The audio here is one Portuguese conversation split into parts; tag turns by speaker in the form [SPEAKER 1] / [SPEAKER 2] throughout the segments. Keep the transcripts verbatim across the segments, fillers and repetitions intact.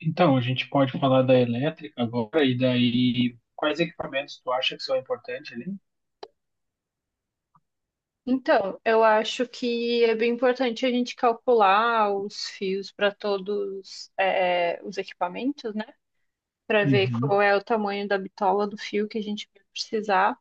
[SPEAKER 1] Então, a gente pode falar da elétrica agora, e daí quais equipamentos tu acha que são importantes ali?
[SPEAKER 2] Então, eu acho que é bem importante a gente calcular os fios para todos é, é, os equipamentos, né? Para ver
[SPEAKER 1] Uhum.
[SPEAKER 2] qual é o tamanho da bitola do fio que a gente vai precisar.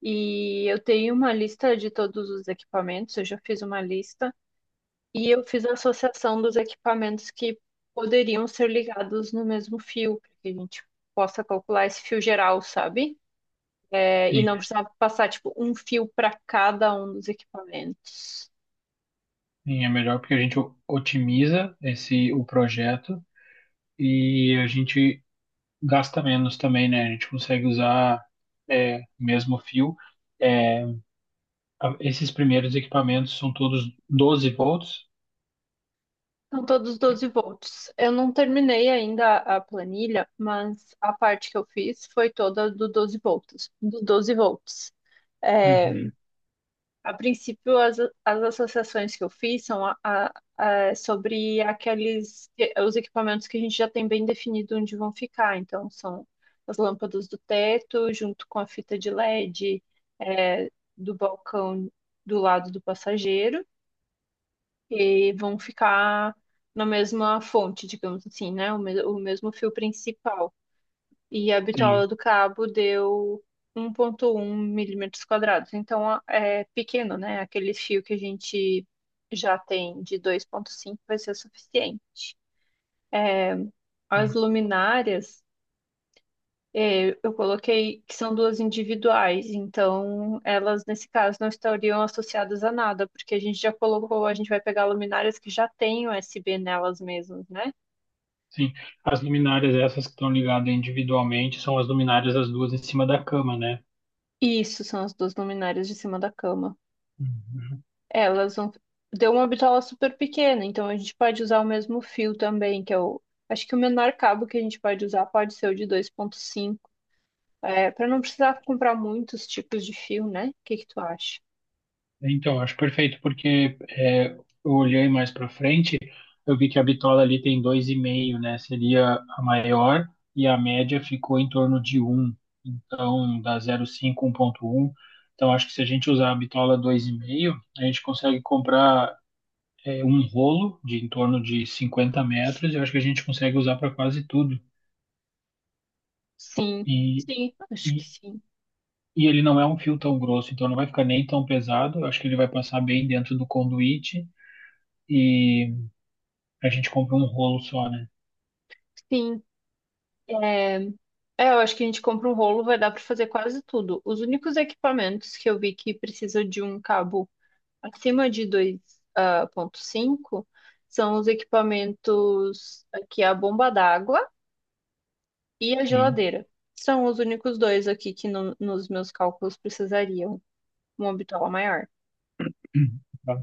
[SPEAKER 2] E eu tenho uma lista de todos os equipamentos, eu já fiz uma lista, e eu fiz a associação dos equipamentos que poderiam ser ligados no mesmo fio, para que a gente possa calcular esse fio geral, sabe? É, e
[SPEAKER 1] Sim,
[SPEAKER 2] não precisar passar, tipo, um fio para cada um dos equipamentos.
[SPEAKER 1] sim, é melhor porque a gente o- otimiza esse o projeto e a gente gasta menos também, né? A gente consegue usar é, mesmo fio. É, a- esses primeiros equipamentos são todos doze volts.
[SPEAKER 2] São todos doze volts. Eu não terminei ainda a planilha, mas a parte que eu fiz foi toda do doze volts, do doze volts. É,
[SPEAKER 1] Uhum.
[SPEAKER 2] a princípio, as, as associações que eu fiz são a- a- a- sobre aqueles os equipamentos que a gente já tem bem definido onde vão ficar. Então, são as lâmpadas do teto, junto com a fita de LED, é, do balcão do lado do passageiro que vão ficar na mesma fonte, digamos assim, né? O, mes- o mesmo fio principal. E a bitola
[SPEAKER 1] Sim,
[SPEAKER 2] do cabo deu um ponto um milímetros quadrados. Então a- é pequeno, né? Aquele fio que a gente já tem de dois ponto cinco vai ser o suficiente. As
[SPEAKER 1] sim,
[SPEAKER 2] luminárias. é, eu coloquei que são duas individuais, então elas nesse caso não estariam associadas a nada, porque a gente já colocou, a gente vai pegar luminárias que já têm U S B nelas mesmas, né?
[SPEAKER 1] sim. As luminárias essas que estão ligadas individualmente são as luminárias as duas em cima da cama, né?
[SPEAKER 2] Isso são as duas luminárias de cima da cama.
[SPEAKER 1] Uhum.
[SPEAKER 2] Elas vão. Deu uma bitola super pequena, então a gente pode usar o mesmo fio também, que é o. Acho que o menor cabo que a gente pode usar pode ser o de dois e meio. É, para não precisar comprar muitos tipos de fio, né? O que que tu acha?
[SPEAKER 1] Então, acho perfeito, porque é, eu olhei mais para frente, eu vi que a bitola ali tem dois e meio, né? Seria a maior e a média ficou em torno de um. Então, dá zero vírgula cinco, um ponto um. Então, acho que se a gente usar a bitola dois e meio, a gente consegue comprar é, um rolo de em torno de cinquenta metros e eu acho que a gente consegue usar para quase tudo.
[SPEAKER 2] Sim,
[SPEAKER 1] E,
[SPEAKER 2] sim,
[SPEAKER 1] e,
[SPEAKER 2] acho que sim.
[SPEAKER 1] e ele não é um fio tão grosso, então não vai ficar nem tão pesado. Eu acho que ele vai passar bem dentro do conduíte. E a gente compra um rolo só, né?
[SPEAKER 2] Sim. É, eu acho que a gente compra um rolo, vai dar para fazer quase tudo. Os únicos equipamentos que eu vi que precisa de um cabo acima de dois vírgula cinco são os equipamentos aqui a bomba d'água e a
[SPEAKER 1] Sim.
[SPEAKER 2] geladeira. São os únicos dois aqui que no- nos meus cálculos precisariam uma bitola maior.
[SPEAKER 1] Tá.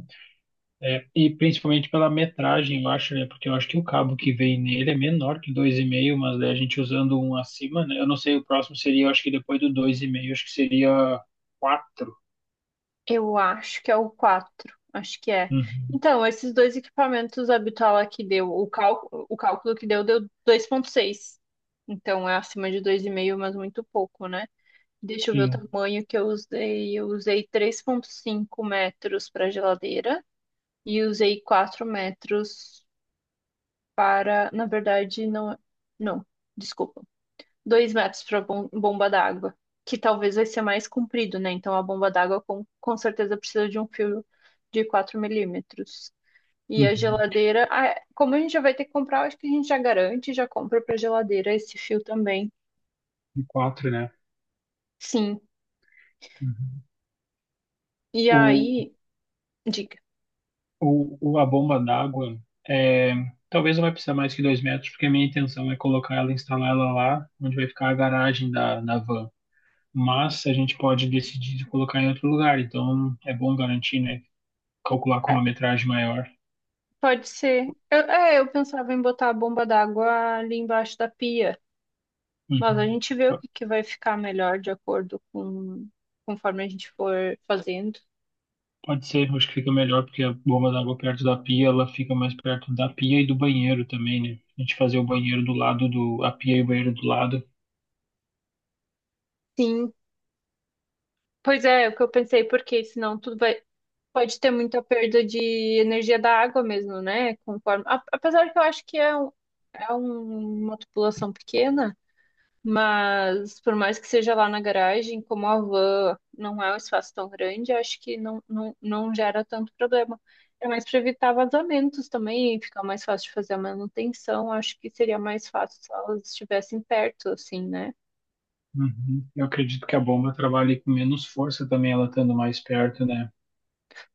[SPEAKER 1] É, e principalmente pela metragem, eu acho, né? Porque eu acho que o cabo que vem nele é menor que dois e meio, mas daí a gente usando um acima, né? Eu não sei, o próximo seria, eu acho que depois do dois e meio acho que seria quatro.
[SPEAKER 2] Eu acho que é o quatro acho que é.
[SPEAKER 1] Uhum,
[SPEAKER 2] Então, esses dois equipamentos, a bitola que deu, o cálculo, o cálculo que deu deu dois vírgula seis. Então, é acima de dois e meio, mas muito pouco, né? Deixa eu ver o
[SPEAKER 1] sim.
[SPEAKER 2] tamanho que eu usei. Eu usei três vírgula cinco metros para geladeira. E usei quatro metros para. Na verdade, não. Não, desculpa. Dois metros para bom, bomba d'água, que talvez vai ser mais comprido, né? Então a bomba d'água com, com certeza precisa de um fio de quatro milímetros. E a
[SPEAKER 1] Uhum.
[SPEAKER 2] geladeira, ah, é, como a gente já vai ter que comprar, acho que a gente já garante, já compra para geladeira esse fio também.
[SPEAKER 1] E quatro, né?
[SPEAKER 2] Sim.
[SPEAKER 1] Uhum.
[SPEAKER 2] E
[SPEAKER 1] O,
[SPEAKER 2] aí, dica.
[SPEAKER 1] o, o- a bomba d'água, é, talvez não vai precisar mais que dois metros, porque a minha intenção é colocar ela, instalar ela lá, onde vai ficar a garagem da, da van. Mas a gente pode decidir colocar em outro lugar, então é bom garantir, né? Calcular com
[SPEAKER 2] É,
[SPEAKER 1] uma metragem maior.
[SPEAKER 2] Pode ser. Eu- é, eu pensava em botar a bomba d'água ali embaixo da pia. Mas a
[SPEAKER 1] Uhum.
[SPEAKER 2] gente vê o
[SPEAKER 1] Po-
[SPEAKER 2] que que vai ficar melhor de acordo com conforme a gente for fazendo.
[SPEAKER 1] Pode ser, acho que fica melhor, porque a bomba d'água perto da pia, ela fica mais perto da pia e do banheiro também, né? A gente fazer o banheiro do lado do, a pia e o banheiro do lado.
[SPEAKER 2] Sim, pois é, é o que eu pensei, porque senão tudo vai pode ter muita perda de energia da água mesmo, né? Conforme, a- apesar que eu acho que é, um- é um- uma população pequena, mas por mais que seja lá na garagem, como a van não é um espaço tão grande, acho que não, não, não gera tanto problema. É mais para evitar vazamentos também, fica mais fácil de fazer a manutenção. Acho que seria mais fácil se elas estivessem perto, assim, né?
[SPEAKER 1] Uhum. Eu acredito que a bomba trabalhe com menos força também, ela estando mais perto, né?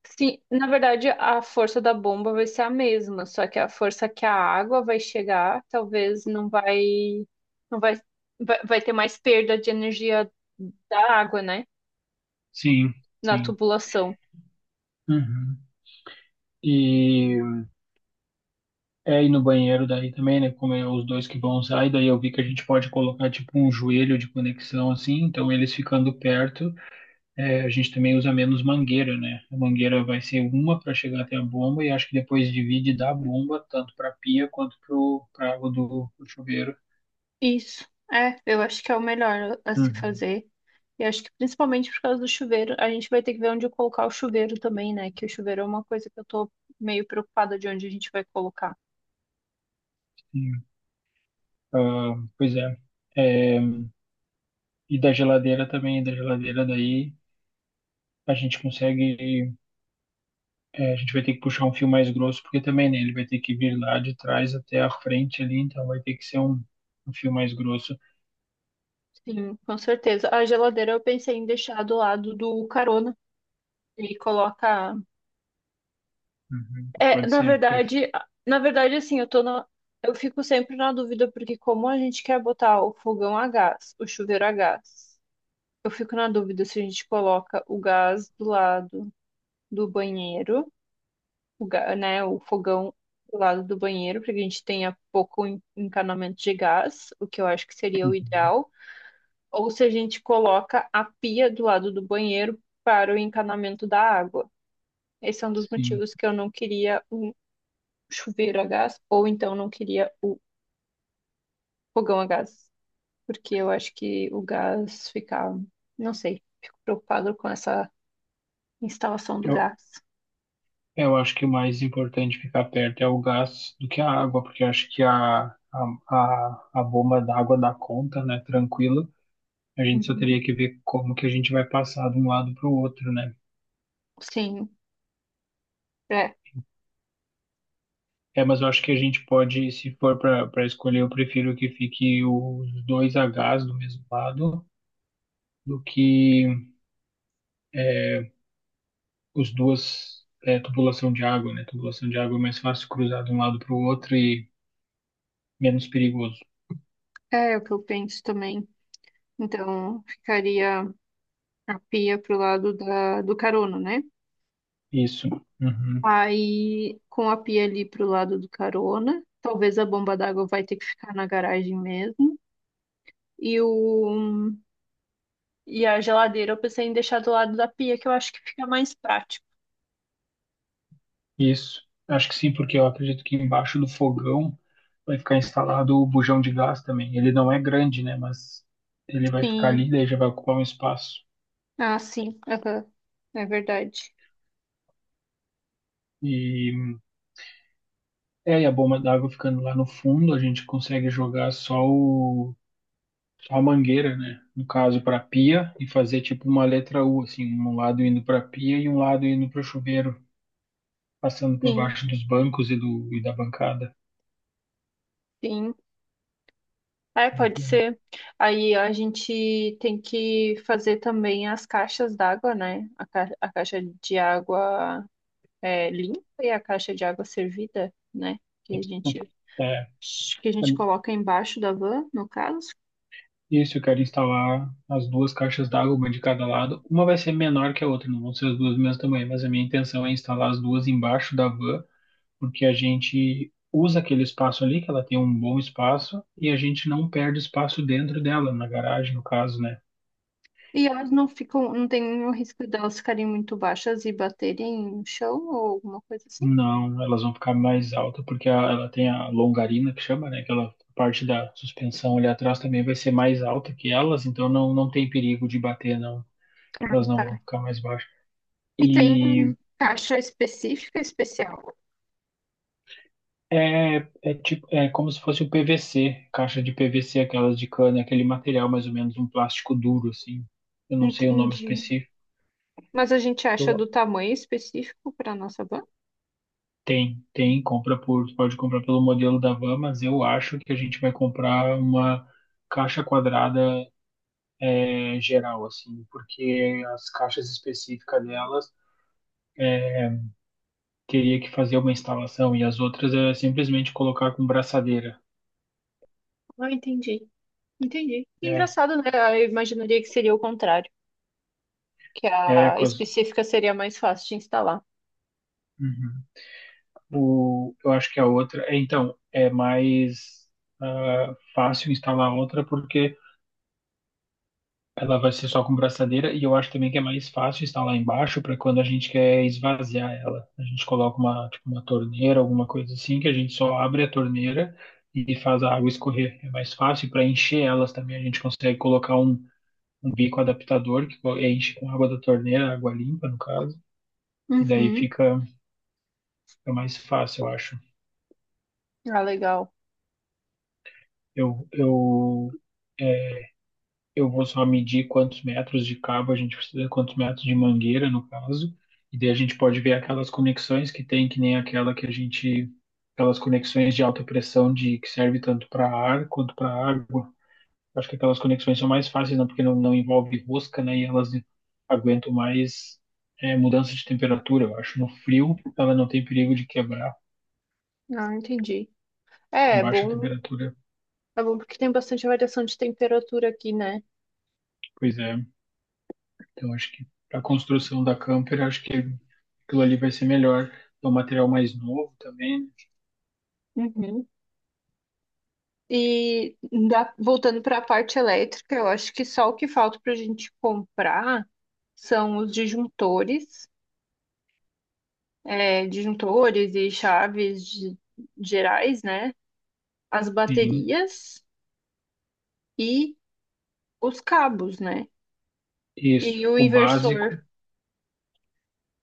[SPEAKER 2] Sim, na verdade, a força da bomba vai ser a mesma, só que a força que a água vai chegar, talvez não vai, não vai, vai, vai ter mais perda de energia da água, né?
[SPEAKER 1] Sim,
[SPEAKER 2] Na
[SPEAKER 1] sim.
[SPEAKER 2] tubulação.
[SPEAKER 1] Uhum. E É, e no banheiro daí também, né? Como é os dois que vão usar, e daí eu vi que a gente pode colocar tipo um joelho de conexão assim, então eles ficando perto, é, a gente também usa menos mangueira, né? A mangueira vai ser uma para chegar até a bomba e acho que depois divide da bomba, tanto para pia quanto pro, pra água do pro chuveiro.
[SPEAKER 2] Isso. É, eu acho que é o melhor a se
[SPEAKER 1] Uhum.
[SPEAKER 2] fazer. E acho que principalmente por causa do chuveiro, a gente vai ter que ver onde colocar o chuveiro também, né? Que o chuveiro é uma coisa que eu tô meio preocupada de onde a gente vai colocar.
[SPEAKER 1] Sim. Ah, pois é. É, E da geladeira também, da geladeira daí a gente consegue. É, a gente vai ter que puxar um fio mais grosso, porque também, né, ele vai ter que vir lá de trás até a frente ali, então vai ter que ser um, um fio mais grosso.
[SPEAKER 2] Sim, com certeza. A geladeira eu pensei em deixar do lado do carona e coloca.
[SPEAKER 1] Uhum,
[SPEAKER 2] É,
[SPEAKER 1] pode
[SPEAKER 2] na
[SPEAKER 1] ser, perfeito.
[SPEAKER 2] verdade, na verdade, assim, eu tô na, eu fico sempre na dúvida, porque como a gente quer botar o fogão a gás, o chuveiro a gás, eu fico na dúvida se a gente coloca o gás do lado do banheiro, o, ga- né, o fogão do lado do banheiro, porque a gente tenha pouco en- encanamento de gás, o que eu acho que seria o
[SPEAKER 1] Uhum,
[SPEAKER 2] ideal, ou se a gente coloca a pia do lado do banheiro para o encanamento da água. Esse é um dos
[SPEAKER 1] sim.
[SPEAKER 2] motivos que eu não queria chuveiro a gás, ou então não queria o fogão a gás, porque eu acho que o gás fica, não sei, fico preocupado com essa instalação do
[SPEAKER 1] Eu,
[SPEAKER 2] gás.
[SPEAKER 1] eu acho que o mais importante ficar perto é o gás do que a água, porque eu acho que a, a, a, a bomba d'água dá conta, né, tranquilo. A gente só
[SPEAKER 2] Uhum.
[SPEAKER 1] teria que ver como que a gente vai passar de um lado para o outro, né?
[SPEAKER 2] Sim, é,
[SPEAKER 1] É, mas eu acho que a gente pode, se for para para escolher, eu prefiro que fique os dois Hs do mesmo lado do que é, os duas é, tubulação de água, né? Tubulação de água é mais fácil cruzar de um lado para o outro e menos perigoso.
[SPEAKER 2] é o que eu penso também. Então, ficaria a pia pro lado da, do carona, né?
[SPEAKER 1] Isso, uhum,
[SPEAKER 2] Aí, com a pia ali pro lado do carona, talvez a bomba d'água vai ter que ficar na garagem mesmo. E o, e a geladeira eu pensei em deixar do lado da pia, que eu acho que fica mais prático.
[SPEAKER 1] isso. Acho que sim, porque eu acredito que embaixo do fogão vai ficar instalado o bujão de gás também. Ele não é grande, né? Mas ele vai ficar ali,
[SPEAKER 2] Sim.
[SPEAKER 1] daí já vai ocupar um espaço.
[SPEAKER 2] Ah, sim. Aham. É verdade.
[SPEAKER 1] E é, e a bomba d'água ficando lá no fundo, a gente consegue jogar só o só a mangueira, né? No caso, para pia e fazer tipo uma letra U, assim, um lado indo para pia e um lado indo para o chuveiro, passando por
[SPEAKER 2] Sim,
[SPEAKER 1] baixo dos bancos e, do, e da bancada.
[SPEAKER 2] sim. É, pode
[SPEAKER 1] Uhum.
[SPEAKER 2] ser. Aí a gente tem que fazer também as caixas d'água, né? A, ca- a caixa de água é, limpa e a caixa de água servida, né? Que a gente,
[SPEAKER 1] É,
[SPEAKER 2] que a gente coloca embaixo da van, no caso.
[SPEAKER 1] isso, eu quero instalar as duas caixas d'água, uma de cada lado. Uma vai ser menor que a outra, não vão ser as duas do mesmo tamanho, mas a minha intenção é instalar as duas embaixo da van, porque a gente usa aquele espaço ali, que ela tem um bom espaço, e a gente não perde espaço dentro dela, na garagem, no caso, né?
[SPEAKER 2] E elas não ficam, não tem o risco delas ficarem muito baixas e baterem no chão ou alguma coisa assim.
[SPEAKER 1] Não, elas vão ficar mais altas, porque a- ela tem a longarina que chama, né? Aquela parte da suspensão ali atrás também vai ser mais alta que elas, então não, não tem perigo de bater, não.
[SPEAKER 2] Ah,
[SPEAKER 1] Elas não
[SPEAKER 2] tá.
[SPEAKER 1] vão ficar mais baixas.
[SPEAKER 2] E tem
[SPEAKER 1] E
[SPEAKER 2] caixa específica, especial.
[SPEAKER 1] é, é tipo, é como se fosse o P V C, caixa de P V C, aquelas de cana, aquele material mais ou menos, um plástico duro, assim. Eu não sei o nome
[SPEAKER 2] Entendi.
[SPEAKER 1] específico.
[SPEAKER 2] Mas a gente acha do
[SPEAKER 1] Eu-
[SPEAKER 2] tamanho específico para nossa banca?
[SPEAKER 1] tem, tem, compra por, tu pode comprar pelo modelo da van, mas eu acho que a gente vai comprar uma caixa quadrada é, geral, assim, porque as caixas específicas delas é, teria que fazer uma instalação e as outras é simplesmente colocar com braçadeira.
[SPEAKER 2] Ah, entendi. Entendi. Que
[SPEAKER 1] É,
[SPEAKER 2] engraçado, né? Ah, eu imaginaria que seria o contrário, que
[SPEAKER 1] é
[SPEAKER 2] a
[SPEAKER 1] com as,
[SPEAKER 2] específica seria mais fácil de instalar.
[SPEAKER 1] uhum. O, eu acho que a outra, é, então, é mais ah, fácil instalar outra porque ela vai ser só com braçadeira e eu acho também que é mais fácil estar lá embaixo para quando a gente quer esvaziar ela. A gente coloca uma, tipo, uma torneira, alguma coisa assim, que a gente só abre a torneira e faz a água escorrer. É mais fácil para encher elas também. A gente consegue colocar um, um bico adaptador que co- enche com água da torneira, água limpa no caso, e daí
[SPEAKER 2] Uhum.
[SPEAKER 1] fica, fica mais fácil, eu acho.
[SPEAKER 2] Ah, legal.
[SPEAKER 1] Eu, eu é, eu vou só medir quantos metros de cabo a gente precisa, quantos metros de mangueira, no caso, e daí a gente pode ver aquelas conexões que tem, que nem aquela que a gente, aquelas conexões de alta pressão de que serve tanto para ar quanto para água. Acho que aquelas conexões são mais fáceis, não, porque não, não envolve rosca, né? E elas aguentam mais é, mudança de temperatura. Eu acho no frio ela não tem perigo de quebrar
[SPEAKER 2] Ah, entendi.
[SPEAKER 1] com
[SPEAKER 2] É, é
[SPEAKER 1] baixa
[SPEAKER 2] bom.
[SPEAKER 1] temperatura.
[SPEAKER 2] É bom porque tem bastante variação de temperatura aqui, né?
[SPEAKER 1] Pois é. Então, acho que para a construção da camper, acho que aquilo ali vai ser melhor. É um material mais novo também, né?
[SPEAKER 2] Uhum. E da- voltando para a parte elétrica, eu acho que só o que falta para a gente comprar são os disjuntores. é, disjuntores e chaves de- gerais, né? As
[SPEAKER 1] Sim,
[SPEAKER 2] baterias e os cabos, né? E
[SPEAKER 1] isso.
[SPEAKER 2] o
[SPEAKER 1] O básico
[SPEAKER 2] inversor.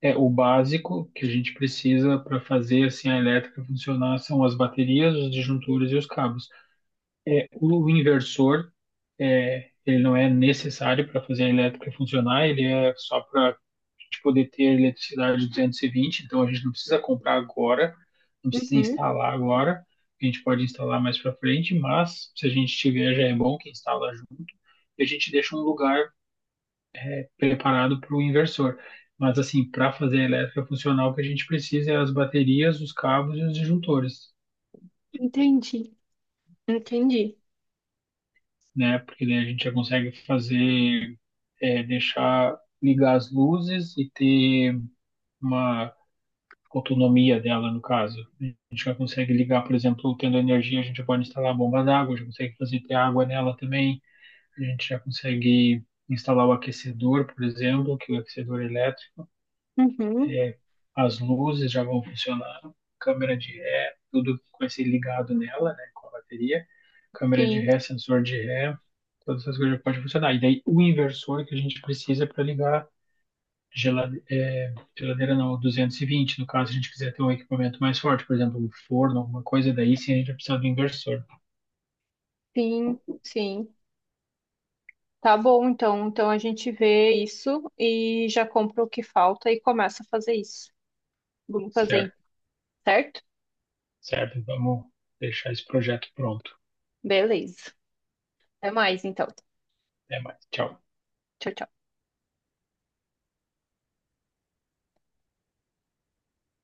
[SPEAKER 1] É o básico que a gente precisa para fazer assim a elétrica funcionar são as baterias, os disjuntores e os cabos. O inversor, é, ele não é necessário para fazer a elétrica funcionar, ele é só para a gente poder ter a eletricidade duzentos e vinte, então a gente não precisa comprar agora, não precisa
[SPEAKER 2] Uhum,
[SPEAKER 1] instalar agora, a gente pode instalar mais para frente, mas se a gente tiver, já é bom que instala junto, e a gente deixa um lugar preparado para o inversor. Mas assim, para fazer a elétrica funcionar, o que a gente precisa é as baterias, os cabos e os disjuntores,
[SPEAKER 2] entendi, entendi.
[SPEAKER 1] né? Porque daí a gente já consegue fazer é, deixar ligar as luzes e ter uma autonomia dela, no caso. A gente já consegue ligar, por exemplo, tendo energia, a gente pode instalar a bomba d'água, já consegue fazer ter água nela também, a gente já consegue instalar o aquecedor, por exemplo, que o aquecedor elétrico,
[SPEAKER 2] Uhum,
[SPEAKER 1] é, as luzes já vão funcionar, câmera de ré, tudo que vai ser ligado nela, né, com a bateria, câmera de
[SPEAKER 2] sim,
[SPEAKER 1] ré, sensor de ré, todas essas coisas podem funcionar. E daí o inversor que a gente precisa para ligar geladeira é, geladeira não, duzentos e vinte no caso, a gente quiser ter um equipamento mais forte, por exemplo, um forno, alguma coisa, daí sim a gente vai precisar do inversor.
[SPEAKER 2] sim, sim. Tá bom, então. Então a gente vê isso e já compra o que falta e começa a fazer isso. Vamos
[SPEAKER 1] Certo,
[SPEAKER 2] fazer, certo?
[SPEAKER 1] certo. Vamos deixar esse projeto pronto.
[SPEAKER 2] Beleza. Até mais, então.
[SPEAKER 1] Até mais. Tchau.
[SPEAKER 2] Tchau, tchau.